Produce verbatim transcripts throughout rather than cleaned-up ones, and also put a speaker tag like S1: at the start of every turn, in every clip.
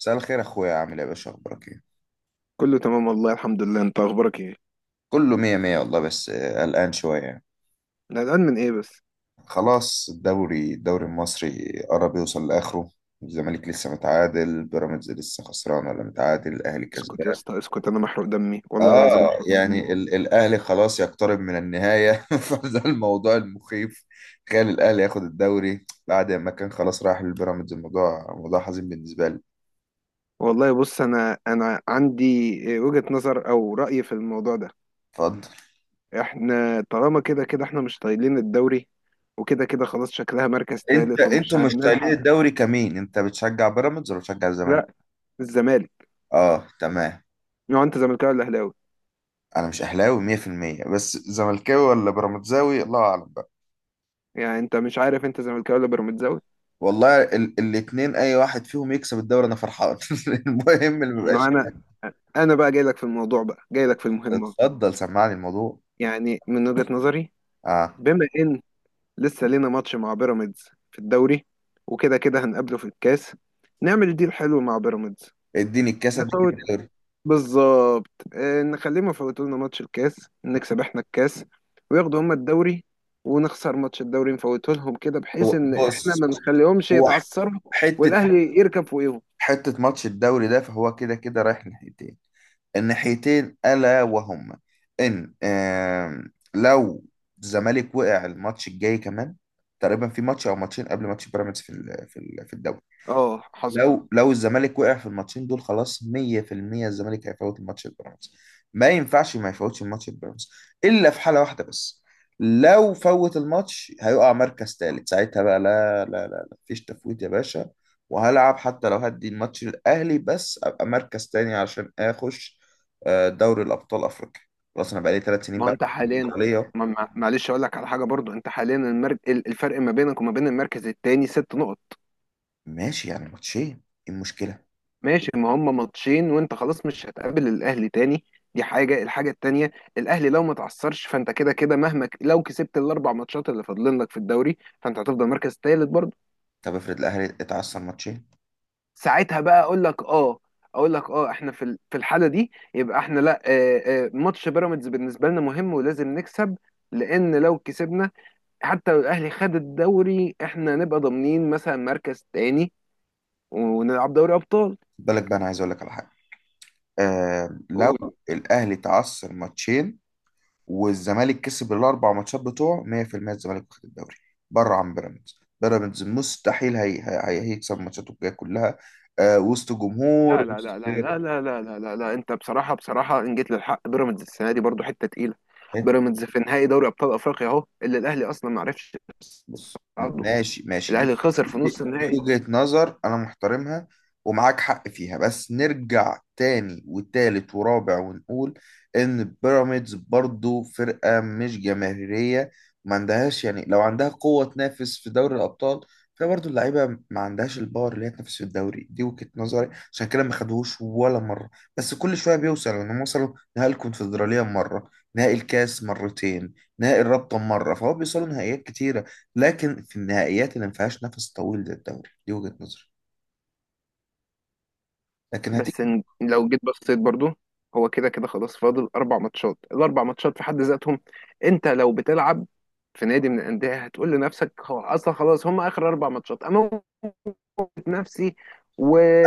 S1: مساء الخير، اخويا. عامل ايه يا باشا؟ اخبارك ايه؟
S2: كله تمام والله الحمد لله، انت اخبارك ايه؟
S1: كله مية مية والله. بس آه، قلقان شوية.
S2: انا قلقان من ايه بس؟
S1: خلاص، الدوري الدوري المصري قرب يوصل لاخره. الزمالك لسه متعادل، بيراميدز لسه خسران ولا متعادل، الاهلي
S2: اسكت يا
S1: كسبان.
S2: اسطى اسكت، انا محروق دمي والله العظيم،
S1: اه،
S2: محروق دمي.
S1: يعني ال الاهلي خلاص يقترب من النهاية. فده الموضوع المخيف. تخيل الاهلي ياخد الدوري بعد ما كان خلاص راح للبيراميدز. الموضوع موضوع حزين بالنسبة لي.
S2: والله بص، انا انا عندي وجهة نظر او رأي في الموضوع ده.
S1: اتفضل.
S2: احنا طالما كده كده احنا مش طايلين الدوري، وكده كده خلاص شكلها مركز
S1: انت
S2: تالت ومش
S1: انتوا مشتاقين
S2: هنلحق.
S1: الدوري كمين؟ انت بتشجع بيراميدز ولا بتشجع الزمالك؟
S2: لا، الزمالك.
S1: اه، تمام.
S2: لو انت زملكاوي ولا اهلاوي؟
S1: انا مش اهلاوي مية في المية، بس زملكاوي ولا بيراميدزاوي الله اعلم بقى.
S2: يعني انت مش عارف انت زملكاوي ولا بيراميدزاوي؟
S1: والله ال الاتنين، اي واحد فيهم يكسب الدوري انا فرحان. المهم اللي
S2: ما
S1: مبقاش.
S2: انا، انا بقى جاي لك في الموضوع، بقى جاي لك في المهمة.
S1: اتفضل سمعني الموضوع.
S2: يعني من وجهة نظري،
S1: اه.
S2: بما ان لسه لينا ماتش مع بيراميدز في الدوري، وكده كده هنقابله في الكاس، نعمل ديل حلو مع بيراميدز.
S1: اديني الكاسه اديك
S2: نفوت.
S1: الدوري.
S2: بالظبط، آه، نخليهم يفوتوا لنا ماتش الكاس، نكسب احنا الكاس وياخدوا هما الدوري، ونخسر ماتش الدوري نفوته لهم كده،
S1: هو
S2: بحيث ان احنا
S1: بص.
S2: ما نخليهمش
S1: هو ح-
S2: يتعثروا
S1: حته
S2: والاهلي يركب فوقيهم.
S1: حته ماتش الدوري ده، فهو كده كده رايح ناحيتين. الناحيتين الا وهما ان، آم، لو الزمالك وقع الماتش الجاي كمان، تقريبا في ماتش او ماتشين قبل ماتش بيراميدز في ال- في ال- في الدوري.
S2: اه، حصل.
S1: لو لو الزمالك وقع في الماتشين دول، خلاص مية في المية الزمالك هيفوت الماتش البيراميدز. ما ينفعش ما يفوتش الماتش البيراميدز، الا في حاله واحده بس: لو فوت الماتش هيقع مركز ثالث. ساعتها بقى لا لا لا لا، مفيش تفويت يا باشا. وهلعب حتى لو هدي الماتش الاهلي، بس ابقى مركز تاني عشان اخش آه، دوري الابطال افريقيا. خلاص انا بقالي ثلاث سنين
S2: ما هو
S1: بقى.
S2: انت حاليا.
S1: ليه؟
S2: ما ما- معلش اقول لك على حاجه برضو، انت حاليا المرك... الفرق ما بينك وما بين المركز الثاني ست نقط.
S1: ماشي، يعني ماتشين. إيه المشكله؟
S2: ماشي، ما هم ماتشين وانت خلاص مش هتقابل الاهلي تاني. دي حاجه. الحاجه التانيه، الاهلي لو ما تعثرش فانت كده كده مهما ك- لو كسبت الاربع ماتشات اللي فاضلين لك في الدوري فانت هتفضل مركز تالت برضه.
S1: طب افرض الاهلي اتعثر ماتشين.
S2: ساعتها بقى اقول لك اه اقول لك اه احنا في ال- في الحاله دي يبقى احنا لا، آه، آه، ماتش بيراميدز بالنسبه لنا مهم ولازم نكسب. لان لو كسبنا، حتى لو الاهلي خد الدوري، احنا نبقى ضامنين مثلا مركز تاني ونلعب دوري ابطال.
S1: بالك بقى، انا عايز اقول لك على حاجه. آه لو الاهلي تعثر ماتشين، والزمالك كسب الاربع ماتشات بتوعه مية في المية، الزمالك واخد الدوري. بره عن بيراميدز، بيراميدز مستحيل هي هي هي- هيكسب ماتشاته الجايه كلها، آه وسط جمهور
S2: لا لا لا
S1: وسط.
S2: لا لا لا لا لا لا لا، انت بصراحه بصراحه ان جيت للحق بيراميدز السنه دي برضو حته تقيله. بيراميدز في نهائي دوري ابطال افريقيا اهو، اللي الاهلي اصلا ما عرفش
S1: بص، م-
S2: يصعده.
S1: ماشي ماشي. دي
S2: الاهلي خسر في
S1: دي
S2: نص
S1: دي
S2: النهائي.
S1: وجهة نظر انا محترمها ومعاك حق فيها، بس نرجع تاني وتالت ورابع ونقول ان بيراميدز برضو فرقة مش جماهيرية. ما عندهاش، يعني، لو عندها قوة تنافس في دوري الابطال، فهي برضو اللعيبة ما عندهاش الباور اللي هي تنافس في الدوري. دي وجهة نظري عشان كده ما خدوهوش ولا مرة. بس كل شوية بيوصل انهم وصلوا نهائي الكونفدرالية مرة، نهائي الكاس مرتين، نهائي الرابطة مرة. فهو بيوصلوا نهائيات كتيرة، لكن في النهائيات اللي ما فيهاش نفس طويل للدوري. دي وجهة نظري، لكن
S2: بس
S1: هتيجي.
S2: ان- لو جيت بصيت برضو، هو كده كده خلاص فاضل اربع ماتشات. الاربع ماتشات في حد ذاتهم، انت لو بتلعب في نادي من الانديه هتقول لنفسك هو اصلا خلاص هم اخر اربع ماتشات، اموت نفسي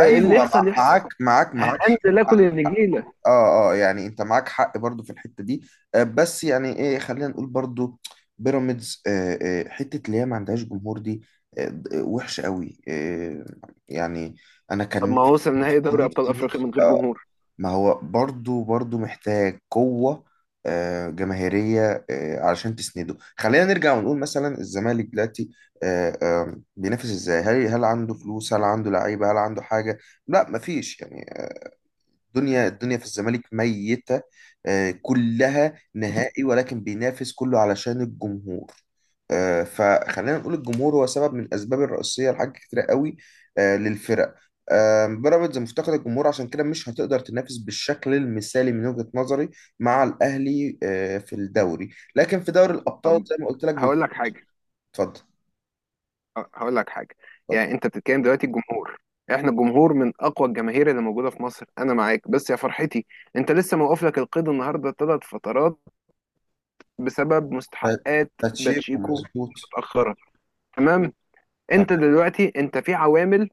S1: ايوه، مع-
S2: يحصل يحصل.
S1: معاك معاك معاك.
S2: هنزل اكل النجيله.
S1: اه، اه، يعني انت معاك حق برضو في الحته دي. آه، بس يعني ايه، خلينا نقول برضو بيراميدز آه، آه، حته اللي هي ما عندهاش جمهور دي، آه، وحشه قوي. آه، يعني، انا
S2: طب
S1: كان
S2: ما
S1: نفسي،
S2: هو وصل نهائي دوري
S1: نفسي
S2: ابطال
S1: نفسي
S2: افريقيا
S1: نفسي-
S2: من غير
S1: آه،
S2: جمهور.
S1: ما هو برضو برضو محتاج قوة آه، جماهيرية آه، علشان تسنده. خلينا نرجع ونقول مثلا الزمالك دلوقتي آه، آه، بينافس ازاي؟ هل هل عنده فلوس؟ هل عنده لعيبة؟ هل عنده حاجة؟ لا، مفيش يعني. الدنيا الدنيا في الزمالك ميتة، آه، كلها نهائي. ولكن بينافس كله علشان الجمهور. آه، فخلينا نقول الجمهور هو سبب من الأسباب الرئيسية لحاجات كتيرة قوي آه، للفرق. آه، بيراميدز مفتقد الجمهور، عشان كده مش هتقدر تنافس بالشكل المثالي من وجهة نظري مع الأهلي آه، في الدوري. لكن في دوري الأبطال
S2: طب
S1: زي ما قلت لك بيبقى-
S2: هقول لك حاجه.
S1: اتفضل.
S2: ه- هقول لك حاجه.
S1: اتفضل.
S2: يعني انت بتتكلم دلوقتي الجمهور، احنا الجمهور من اقوى الجماهير اللي موجوده في مصر، انا معاك، بس يا فرحتي، انت لسه موقف لك القيد النهارده ثلاث فترات بسبب
S1: ف-
S2: مستحقات.
S1: باتشيكو،
S2: باتشيكو
S1: مظبوط.
S2: متاخره. تمام. انت دلوقتي انت في عوامل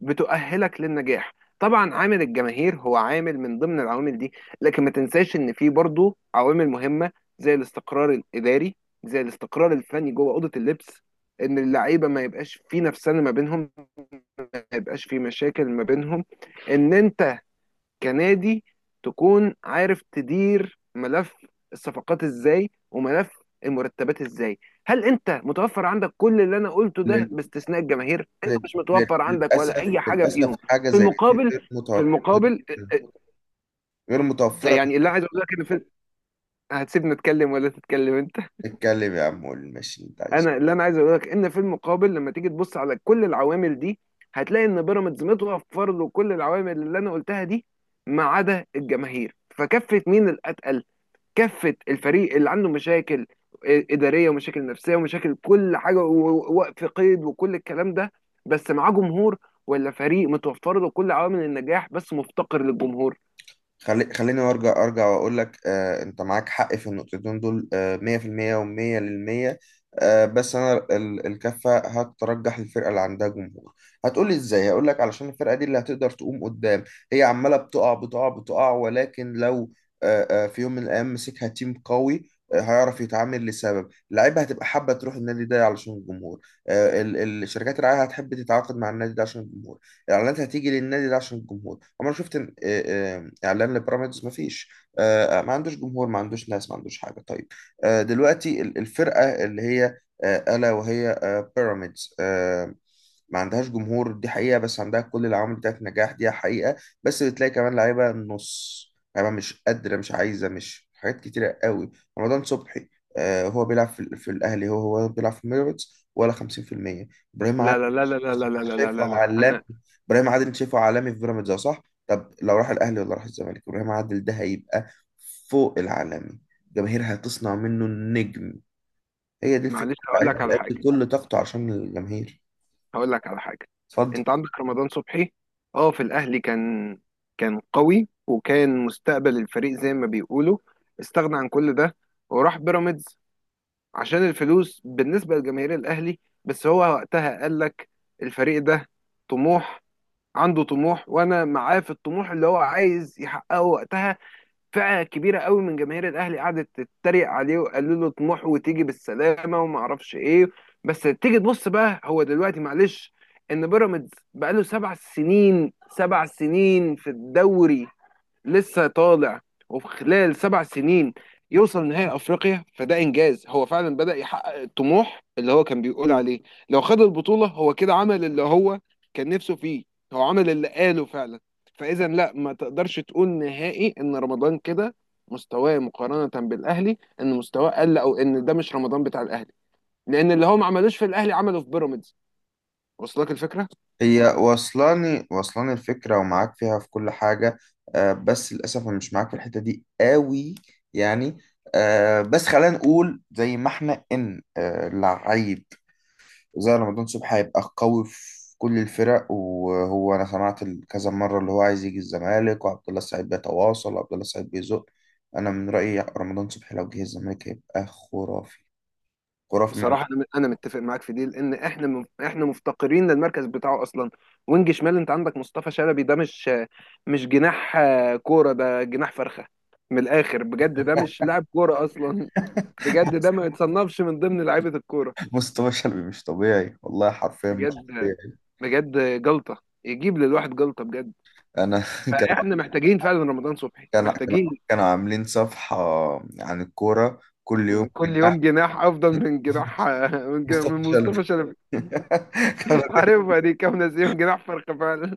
S2: بتؤهلك للنجاح. طبعا عامل الجماهير هو عامل من ضمن العوامل دي، لكن ما تنساش ان في برضه عوامل مهمة. زي الاستقرار الاداري، زي الاستقرار الفني جوه اوضة اللبس، ان اللعيبة ما يبقاش في نفسنا ما بينهم، ما يبقاش في مشاكل ما بينهم، ان انت كنادي تكون عارف تدير ملف الصفقات ازاي وملف المرتبات ازاي. هل انت متوفر عندك كل اللي انا قلته ده
S1: تمام.
S2: باستثناء الجماهير؟ انت
S1: لل-
S2: مش
S1: لل-
S2: متوفر عندك ولا
S1: للأسف
S2: اي حاجه
S1: للأسف
S2: فيهم.
S1: حاجة
S2: في
S1: زي دي
S2: المقابل
S1: غير
S2: في
S1: متوفرة.
S2: المقابل آه،
S1: غير
S2: آه،
S1: متوفرة.
S2: يعني اللي عايز اقول لك ان في. هتسيبني اتكلم ولا تتكلم انت؟
S1: نتكلم يا عم، قول ماشي انت عايز.
S2: انا اللي انا عايز اقول لك ان في المقابل، لما تيجي تبص على كل العوامل دي هتلاقي ان بيراميدز متوفر له كل العوامل اللي انا قلتها دي ما عدا الجماهير. فكفة مين الاتقل؟ كافه الفريق اللي عنده مشاكل اداريه ومشاكل نفسيه ومشاكل كل حاجه ووقف قيد وكل الكلام ده بس معاه جمهور، ولا فريق متوفر له كل عوامل النجاح بس مفتقر للجمهور.
S1: خلي خليني ارجع ارجع واقول لك، آه انت معاك حق في النقطتين دول، آه، مية في المية و100 للمية. آه بس انا ال- الكفه هترجح الفرقه اللي عندها جمهور. هتقولي ازاي؟ هقول لك علشان الفرقه دي اللي هتقدر تقوم قدام. هي عماله بتقع بتقع بتقع، ولكن لو آه آه في يوم من الايام مسكها تيم قوي، آه، هيعرف يتعامل. لسبب اللعيبه هتبقى حابه تروح النادي ده علشان الجمهور، آه، ال- ال- الشركات الرعايه هتحب تتعاقد مع النادي ده عشان الجمهور، الاعلانات هتيجي للنادي ده عشان الجمهور. عمر شفت إن- آه، آه، اعلان لبيراميدز؟ ما فيش. آه، ما عندوش جمهور، ما عندوش ناس، ما عندوش حاجه. طيب، آه، دلوقتي ال- الفرقه اللي هي آه، الا وهي آه، بيراميدز، آه، ما عندهاش جمهور، دي حقيقه، بس عندها كل العوامل بتاعت نجاح، دي حقيقه. بس بتلاقي كمان لعيبه نص، لعيبه مش قادره، مش عايزه، مش، حاجات كتيره قوي. رمضان صبحي آه، هو بيلعب في, في الاهلي، هو هو بيلعب في بيراميدز ولا خمسين في المية؟ ابراهيم
S2: لا
S1: عادل
S2: لا
S1: أنت
S2: لا لا لا لا لا لا
S1: شايفه
S2: لا لا،
S1: عالمي.
S2: انا.
S1: ابراهيم عادل أنت شايفه عالمي في بيراميدز، اه صح. طب لو راح الاهلي ولا راح الزمالك، ابراهيم عادل ده هيبقى فوق العالمي. الجماهير هتصنع منه النجم. هي دي الفكره.
S2: معلش هقول لك
S1: اللعيب
S2: على حاجه.
S1: هيأدي كل طاقته عشان الجماهير.
S2: هقول لك على حاجه
S1: اتفضل.
S2: انت عندك رمضان صبحي، اه، في الاهلي كان. كان قوي وكان مستقبل الفريق زي ما بيقولوا، استغنى عن كل ده وراح بيراميدز عشان الفلوس. بالنسبة لجماهير الأهلي، بس هو وقتها قال لك الفريق ده طموح، عنده طموح وأنا معاه في الطموح اللي هو عايز يحققه. وقتها فئة كبيرة قوي من جماهير الأهلي قعدت تتريق عليه وقالوا له طموح وتيجي بالسلامة وما أعرفش إيه. بس تيجي تبص بقى هو دلوقتي، معلش، إن بيراميدز بقاله سبع سنين، سبع سنين في الدوري لسه طالع، وفي خلال سبع سنين يوصل نهائي افريقيا، فده انجاز. هو فعلا بدأ يحقق الطموح اللي هو كان بيقول عليه. لو خد البطولة هو كده عمل اللي هو كان نفسه فيه، هو عمل اللي قاله فعلا. فاذا لا ما تقدرش تقول نهائي ان رمضان كده مستواه مقارنة بالاهلي، ان مستواه قل او ان ده مش رمضان بتاع الاهلي، لان اللي هو ما عملوش في الاهلي عمله في بيراميدز. وصلك الفكرة؟
S1: هي واصلاني واصلاني الفكره، ومعاك فيها في كل حاجه. آه بس للاسف انا مش معاك في الحته دي قوي. يعني، آه بس خلينا نقول زي ما احنا ان آه لعيب زي رمضان صبحي هيبقى قوي في كل الفرق. وهو انا سمعت ال- كذا مره اللي هو عايز يجي الزمالك، وعبد الله السعيد بيتواصل، وعبد الله السعيد بيزق. انا من رايي رمضان صبحي لو جه الزمالك هيبقى خرافي. خرافي من
S2: بصراحة أنا أنا متفق معاك في دي، لأن إحنا م- إحنا مفتقرين للمركز بتاعه أصلا. وينج شمال، أنت عندك مصطفى شلبي، ده مش مش جناح، آه، كورة. ده جناح فرخة من الآخر، بجد ده مش لاعب كورة أصلا. بجد ده ما يتصنفش من ضمن لعيبة الكورة.
S1: مصطفى شلبي مش طبيعي والله، حرفيا مش
S2: بجد،
S1: طبيعي.
S2: بجد جلطة، يجيب للواحد جلطة بجد.
S1: انا كان
S2: فإحنا محتاجين فعلا رمضان صبحي،
S1: كان كان-
S2: محتاجين.
S1: كانوا عاملين صفحه عن الكوره، كل يوم
S2: كل
S1: جناح.
S2: يوم جناح أفضل من جناح من جناح-
S1: مصطفى
S2: من مصطفى
S1: شلبي.
S2: شلبي.
S1: كان
S2: عارف دي كام ناس يوم جناح فرخة فعلا.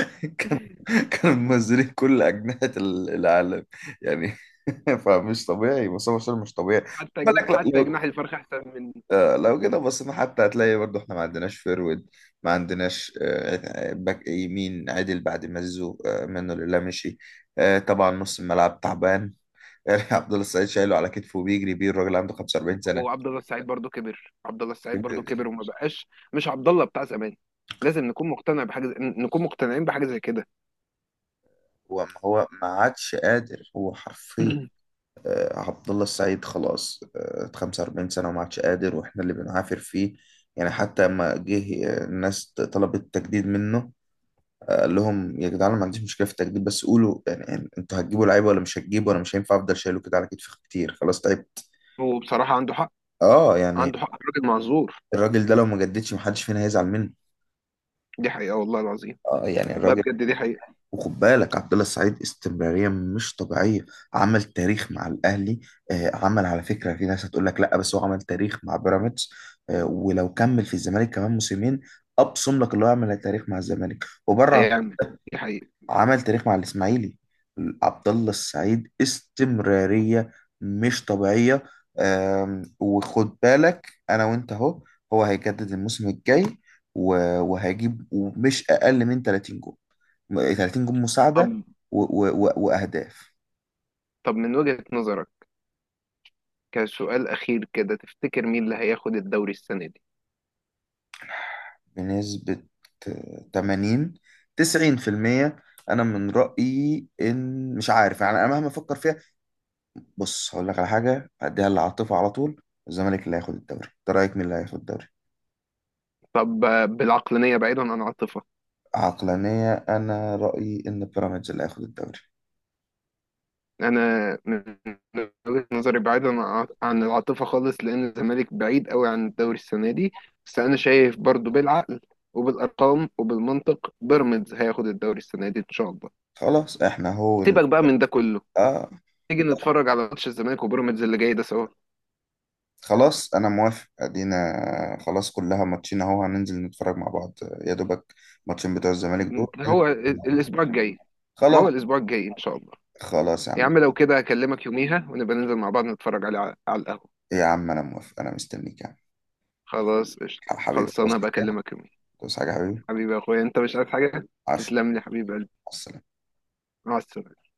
S1: كانوا كانوا منزلين كل أجنحة ال- العالم، يعني. فمش طبيعي مصطفى شلبي، مش طبيعي.
S2: حتى جن-
S1: بالك، لا-
S2: حتى
S1: لو
S2: جناح الفرخ احسن من.
S1: آه، لو كده بصينا، حتى هتلاقي برضه احنا ما عندناش فيرود، ما عندناش آه، باك يمين عدل بعد ما زيزو آه، منه لله مشي. آه، طبعا نص الملعب تعبان يعني. عبد الله السعيد شايله على كتفه بيجري بيه، الراجل عنده خمسة واربعين سنة.
S2: وعبد الله السعيد برضو كبر، عبد الله السعيد برضو كبر وما بقاش. مش عبد الله بتاع زمان. لازم نكون مقتنع بحاجه زي... نكون مقتنعين بحاجه زي كده.
S1: هو هو ما عادش قادر، هو حرفيا، آه، عبد الله السعيد خلاص، آه، خمسة واربعين سنة وما عادش قادر، واحنا اللي بنعافر فيه يعني. حتى لما جه آه، الناس طلبت تجديد منه، آه، قال لهم يا جدعان، أنا ما عنديش مشكلة في التجديد، بس قولوا، يعني، يعني انتوا هتجيبوا لعيبة ولا مش هتجيبوا؟ انا مش هينفع افضل شايله كده على كتفي كتير، خلاص تعبت.
S2: هو بصراحه عنده حق،
S1: اه، يعني
S2: عنده حق راجل معذور.
S1: الراجل ده لو ما جددش محدش فينا هيزعل منه.
S2: دي حقيقه والله العظيم.
S1: اه، يعني
S2: والله
S1: الراجل.
S2: بجد دي حقيقه.
S1: وخد بالك، عبد الله السعيد استمرارية مش طبيعية. عمل تاريخ مع الأهلي، آه، عمل، على فكرة في ناس هتقول لك لا، بس هو عمل تاريخ مع بيراميدز. آه، ولو كمل في الزمالك كمان موسمين أبصم لك اللي هو عمل تاريخ مع الزمالك. وبره،
S2: هيعمل. دي حقيقه.
S1: عمل تاريخ مع الاسماعيلي. عبد الله السعيد استمراريه مش طبيعيه. أم، وخد بالك، انا وانت اهو، هو هيجدد الموسم الجاي و- وهيجيب مش اقل من ثلاثين جول. تلاتين جول مساعده
S2: طب.
S1: و- و- و- واهداف.
S2: طب من وجهه نظرك كسؤال اخير كده، تفتكر مين اللي هياخد الدوري السنه دي؟
S1: بنسبه تمانين، تسعين في المية. انا من رايي ان، مش عارف يعني، انا مهما افكر فيها. بص، هقول لك على حاجة، أديها للعاطفة على طول: الزمالك اللي هياخد الدوري. أنت رأيك مين اللي هياخد الدوري؟
S2: طب، آه، بالعقلانيه بعيدا عن العاطفه.
S1: عقلانية، أنا رأيي إن بيراميدز اللي هياخد الدوري.
S2: انا من وجهة نظري بعيدا عن عن العاطفه خالص، لان الزمالك بعيد قوي عن الدوري السنه دي. بس انا شايف برضو بالعقل وبالارقام وبالمنطق بيراميدز هياخد الدوري السنه دي ان شاء الله.
S1: خلاص إحنا، هو ال...
S2: سيبك بقى من ده كله،
S1: آه.
S2: تيجي نتفرج على ماتش الزمالك وبيراميدز اللي جاي ده سوا.
S1: خلاص أنا موافق، أدينا، خلاص، كلها ماتشين أهو، هننزل نتفرج مع بعض. يا دوبك ماتشين بتوع الزمالك دول، ننزل
S2: هو
S1: مع
S2: ال-
S1: بعض.
S2: الاسبوع الجاي. ما
S1: خلاص.
S2: هو الاسبوع الجاي ان شاء الله.
S1: خلاص يا
S2: يا
S1: عم.
S2: عم لو كده هكلمك يوميها ونبقى ننزل مع بعض نتفرج على على القهوه.
S1: إيه يا عم، أنا موافق، أنا مستنيك يا عم.
S2: خلاص، قشطه،
S1: حبيبي،
S2: خلصانه،
S1: توصل حاجة؟
S2: بكلمك يوميها.
S1: توصل حاجة يا حبيبي؟
S2: حبيبي يا اخويا، انت مش عايز حاجه؟
S1: عشرة.
S2: تسلم لي حبيب قلبي.
S1: مع السلامة.
S2: مع السلامه.